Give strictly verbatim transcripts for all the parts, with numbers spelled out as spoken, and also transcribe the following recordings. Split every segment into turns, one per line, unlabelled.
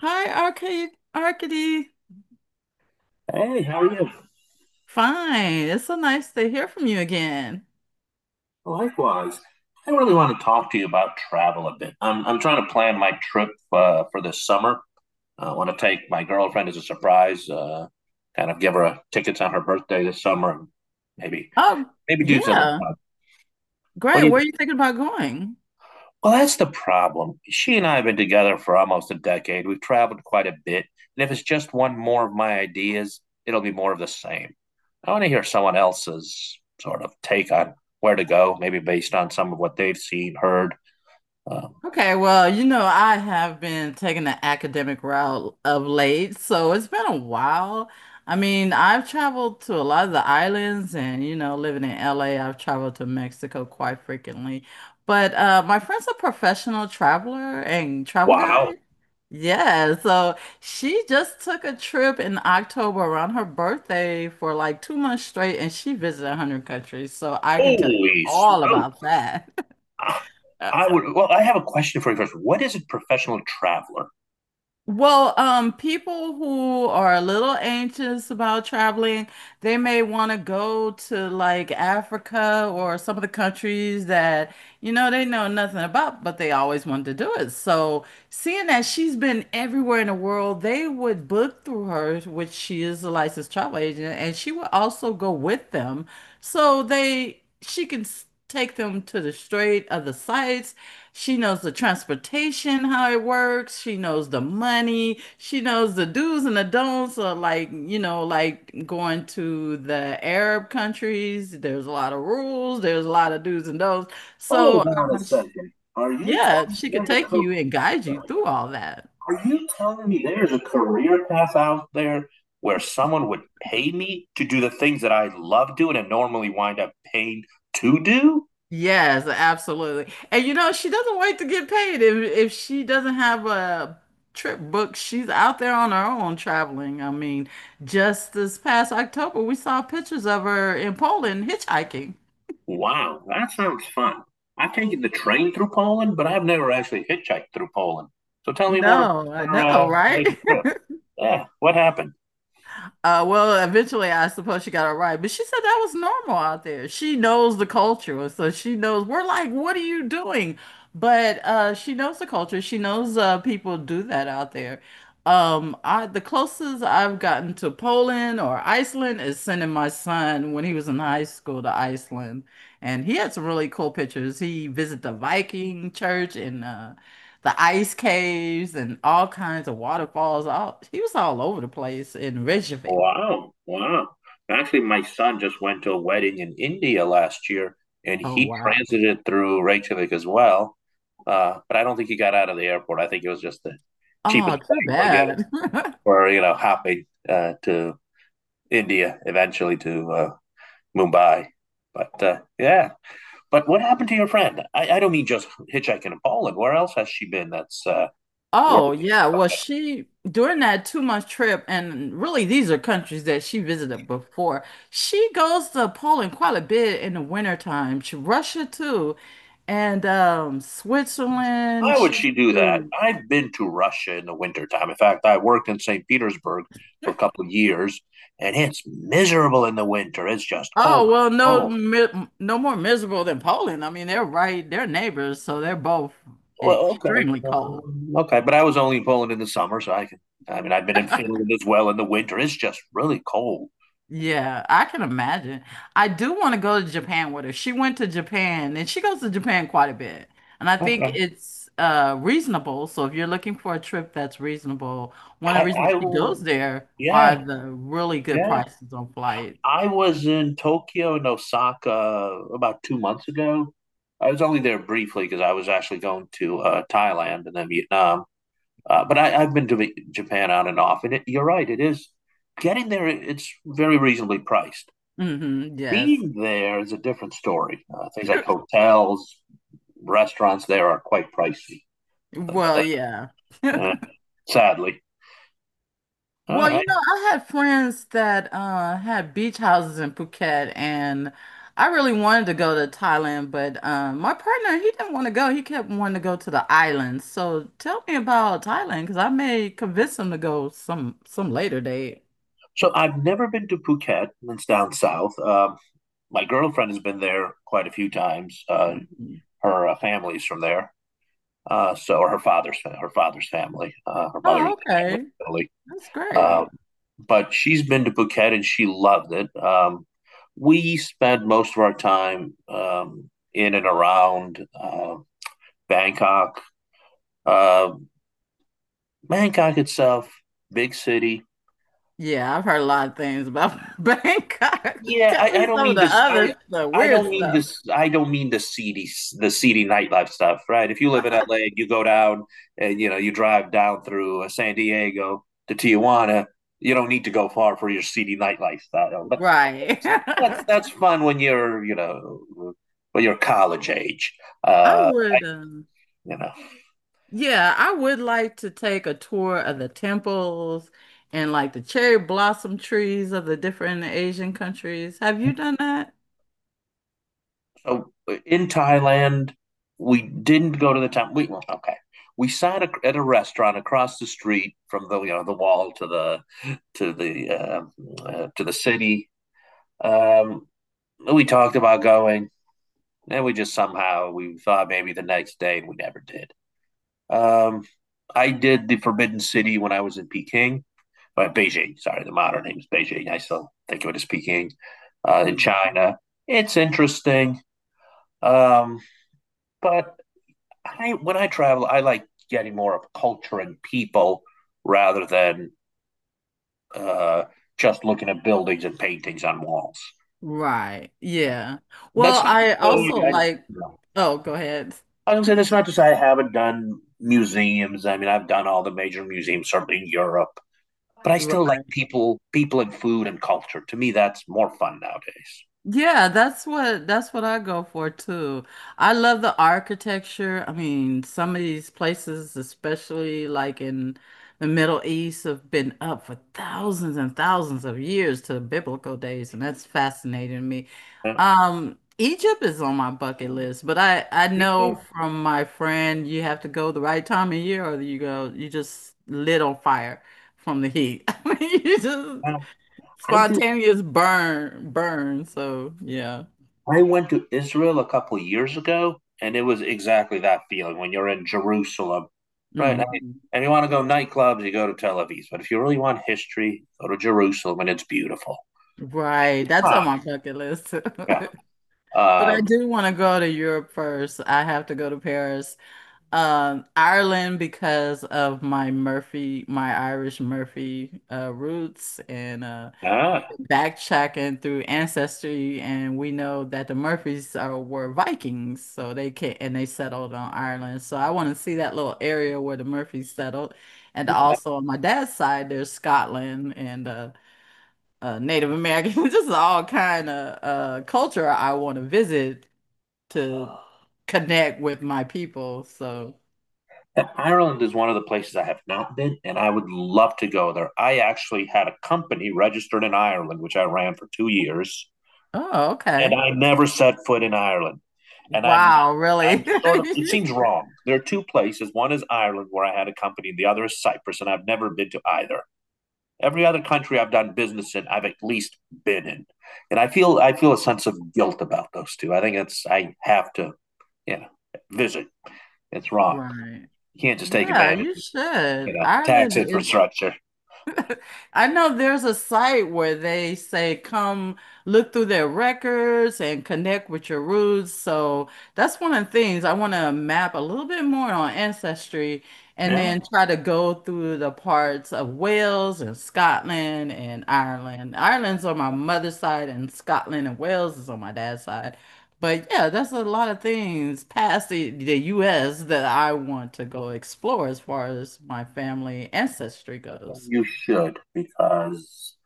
Hi, Arcade Arcady.
Hey, how are you?
Fine. It's so nice to hear from you again.
Likewise. I really want to talk to you about travel a bit. I'm I'm trying to plan my trip uh, for this summer. I want to take my girlfriend as a surprise, uh, kind of give her a tickets on her birthday this summer, and maybe
Oh,
maybe do something
yeah.
fun. What
Great.
do you
Where are you thinking about going?
Well, that's the problem. She and I have been together for almost a decade. We've traveled quite a bit. And if it's just one more of my ideas, it'll be more of the same. I want to hear someone else's sort of take on where to go, maybe based on some of what they've seen, heard. Um,
Okay, well, you know, I have been taking the academic route of late, so it's been a while. I mean, I've traveled to a lot of the islands and, you know, living in L A, I've traveled to Mexico quite frequently. But uh, my friend's a professional traveler and travel
wow.
guide. Yeah, so she just took a trip in October around her birthday for like two months straight, and she visited one hundred countries. So I can tell you
Holy
all
smoke.
about that.
I would, well, I have a question for you first. What is a professional traveler?
Well, um, people who are a little anxious about traveling, they may want to go to like Africa or some of the countries that, you know, they know nothing about, but they always wanted to do it. So, seeing that she's been everywhere in the world, they would book through her, which she is a licensed travel agent, and she would also go with them. So they she can s- take them to the straight of the sights. She knows the transportation, how it works. She knows the money. She knows the do's and the don'ts of like, you know, like going to the Arab countries. There's a lot of rules. There's a lot of do's and don'ts. So,
Hold on a
um,
second. Are you
yeah,
telling me
she could
there's
take
a
you and guide you through all that.
Are you telling me there's a career path out there where someone would pay me to do the things that I love doing and normally wind up paying to do?
Yes, absolutely. And you know, she doesn't wait to get paid. If if she doesn't have a trip booked, she's out there on her own traveling. I mean, just this past October, we saw pictures of her in Poland hitchhiking.
Wow, that sounds fun. I've taken the train through Poland, but I've never actually hitchhiked through Poland. So tell me more
No,
about
I
your
know,
uh,
right?
latest trip. Yeah, what happened?
Uh, well, eventually, I suppose she got it right, but she said that was normal out there. She knows the culture, so she knows we're like, what are you doing? But uh, she knows the culture. She knows uh, people do that out there. Um, I the closest I've gotten to Poland or Iceland is sending my son when he was in high school to Iceland, and he had some really cool pictures. He visited the Viking church and uh, the ice caves and all kinds of waterfalls. All he was all over the place in Reykjavik.
Wow, wow. Actually, my son just went to a wedding in India last year, and
Oh
he
wow.
transited through Reykjavik as well. Uh, but I don't think he got out of the airport. I think it was just the cheapest
Oh, too
flight for getting
bad.
for you know hopping uh, to India, eventually to uh, Mumbai. But uh, Yeah. But what happened to your friend? I, I don't mean just hitchhiking in Poland. Where else has she been? That's uh, worth.
Oh yeah. Well, she during that two month trip, and really these are countries that she visited before. She goes to Poland quite a bit in the wintertime. She Russia too, and um
Why
Switzerland.
would
She
she do that?
too.
I've been to Russia in the wintertime. In fact, I worked in Saint Petersburg for a couple of years, and it's miserable in the winter. It's just
Oh
cold,
well, no,
cold.
mi no more miserable than Poland. I mean, they're right, they're neighbors, so they're both
Well, okay,
extremely cold.
um, okay, but I was only in Poland in the summer, so I can. I mean, I've been in Finland as well in the winter. It's just really cold.
Yeah, I can imagine. I do want to go to Japan with her. She went to Japan and she goes to Japan quite a bit. And I think
Okay,
it's uh reasonable. So if you're looking for a trip that's reasonable, one of
I,
the
I
reasons she
will.
goes there are
Yeah,
the really good
yeah.
prices on flights.
I was in Tokyo and Osaka about two months ago. I was only there briefly because I was actually going to uh, Thailand and then Vietnam. Uh, but I, I've been to Japan on and off, and it, you're right. It is getting there. It's very reasonably priced.
Hmm, yes.
Being there is a different story. Uh, things like hotels, restaurants there are quite pricey.
Well, yeah.
Uh, Sadly. All
Well, you
right.
know, I had friends that uh, had beach houses in Phuket, and I really wanted to go to Thailand, but um, my partner, he didn't want to go. He kept wanting to go to the islands. So tell me about Thailand, because I may convince him to go some some later date.
So I've never been to Phuket. It's down south. Um, my girlfriend has been there quite a few times. Uh,
Mhm.
her uh, family's from there. Uh, so her father's her father's family, uh, her mother's
Oh,
family,
okay.
really.
That's great.
Um, but she's been to Phuket and she loved it. Um, we spend most of our time um, in and around uh, Bangkok. Uh, Bangkok itself, big city.
Yeah, I've heard a lot of things about Bangkok.
Yeah,
Tell
I, I
me
don't
some of
mean
the
this. I
other stuff,
I
weird
don't mean
stuff.
this. I don't mean the seedy the seedy nightlife stuff, right? If you live in L A and you go down and you know you drive down through uh, San Diego to Tijuana, you don't need to go far for your seedy nightlife style. But
Right.
that's that's fun when you're you know when you're college age.
I
Uh,
would. Um,
you know,
Yeah, I would like to take a tour of the temples and like the cherry blossom trees of the different Asian countries. Have you done that?
so in Thailand, we didn't go to the temple. We well, okay. We sat a, at a restaurant across the street from the you know the wall to the to the uh, uh, to the city. Um, we talked about going, and we just somehow we thought maybe the next day, and we never did. Um, I did the Forbidden City when I was in Peking uh, Beijing. Sorry, the modern name is Beijing. I still think of it as Peking uh, in
Mhm.
China. It's interesting, um, but I when I travel, I like getting more of culture and people rather than uh, just looking at buildings and paintings on walls.
Right. Yeah.
That's
Well,
not.
I also
really, I,
like,
no.
oh, go ahead.
I was gonna say that's not to say I haven't done museums. I mean, I've done all the major museums, certainly in Europe. But I still like people, people and food and culture. To me, that's more fun nowadays.
Yeah, that's what that's what I go for too. I love the architecture. I mean, some of these places, especially like in the Middle East, have been up for thousands and thousands of years to the biblical days, and that's fascinating to me.
Yeah.
Um, Egypt is on my bucket list, but I I
Me
know
too.
from my friend you have to go the right time of year, or you go you just lit on fire from the heat. I mean, you just
Um, I did.
spontaneous burn, burn. So yeah.
I went to Israel a couple years ago, and it was exactly that feeling when you're in Jerusalem, right? I mean,
Mhm.
if you want to go nightclubs, you go to Tel Aviv. But if you really want history, go to Jerusalem, and it's beautiful.
Right. That's
Ah,
on my bucket list.
yeah.
But I
Um,
do want to go to Europe first. I have to go to Paris. Um, Ireland because of my Murphy, my Irish Murphy uh, roots, and uh,
ah,
backtracking through ancestry, and we know that the Murphys are were Vikings, so they can and they settled on Ireland. So I want to see that little area where the Murphys settled, and
okay.
also on my dad's side, there's Scotland and uh, uh, Native American, just all kind of uh, culture I want to visit to connect with my people. So.
Ireland is one of the places I have not been, and I would love to go there. I actually had a company registered in Ireland, which I ran for two years,
Oh,
and
okay.
I never set foot in Ireland. And I'm
Wow,
I'm
really?
sort of it seems wrong. There are two places. One is Ireland where I had a company, and the other is Cyprus, and I've never been to either. Every other country I've done business in, I've at least been in. And I feel I feel a sense of guilt about those two. I think it's I have to, you know, visit. It's wrong.
Right.
You can't just take
Yeah,
advantage
you
of, you
should.
know, tax
Ireland is
infrastructure.
I know there's a site where they say come look through their records and connect with your roots. So that's one of the things I want to map a little bit more on ancestry and
Yeah.
then try to go through the parts of Wales and Scotland and Ireland. Ireland's on my mother's side and Scotland and Wales is on my dad's side. But yeah, that's a lot of things past the, the U S that I want to go explore as far as my family ancestry goes.
You should because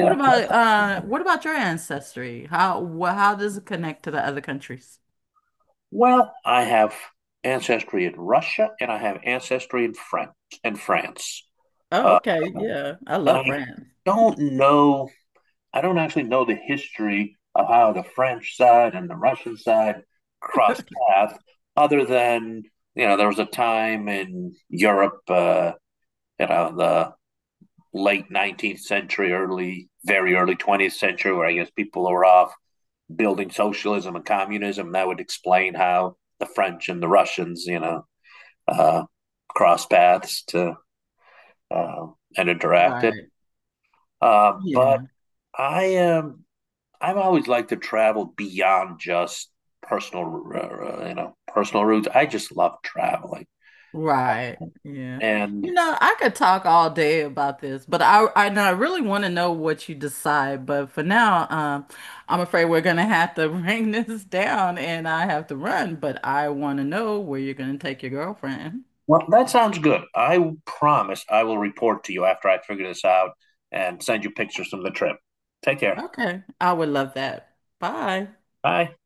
What about uh what about your ancestry? How wh how does it connect to the other countries?
well, I have ancestry in Russia and I have ancestry in France and France.
Oh,
Uh,
okay. Yeah. I
and
love
I
France.
don't know, I don't actually know the history of how the French side and the Russian side crossed paths, other than, you know, there was a time in Europe, uh, you know, the late nineteenth century, early, very early twentieth century, where I guess people were off building socialism and communism, that would explain how the French and the Russians, you know, uh, cross paths to uh, and interacted.
Right.
Uh, but
Yeah.
I am I've always liked to travel beyond just personal, uh, uh, you know, personal routes. I just love traveling,
Right. Yeah. You
and
know, I could talk all day about this, but I I, and I really want to know what you decide. But for now, um, I'm afraid we're gonna have to bring this down and I have to run, but I want to know where you're gonna take your girlfriend.
well, that sounds good. I promise I will report to you after I figure this out and send you pictures from the trip. Take care.
Okay. I would love that. Bye.
Bye.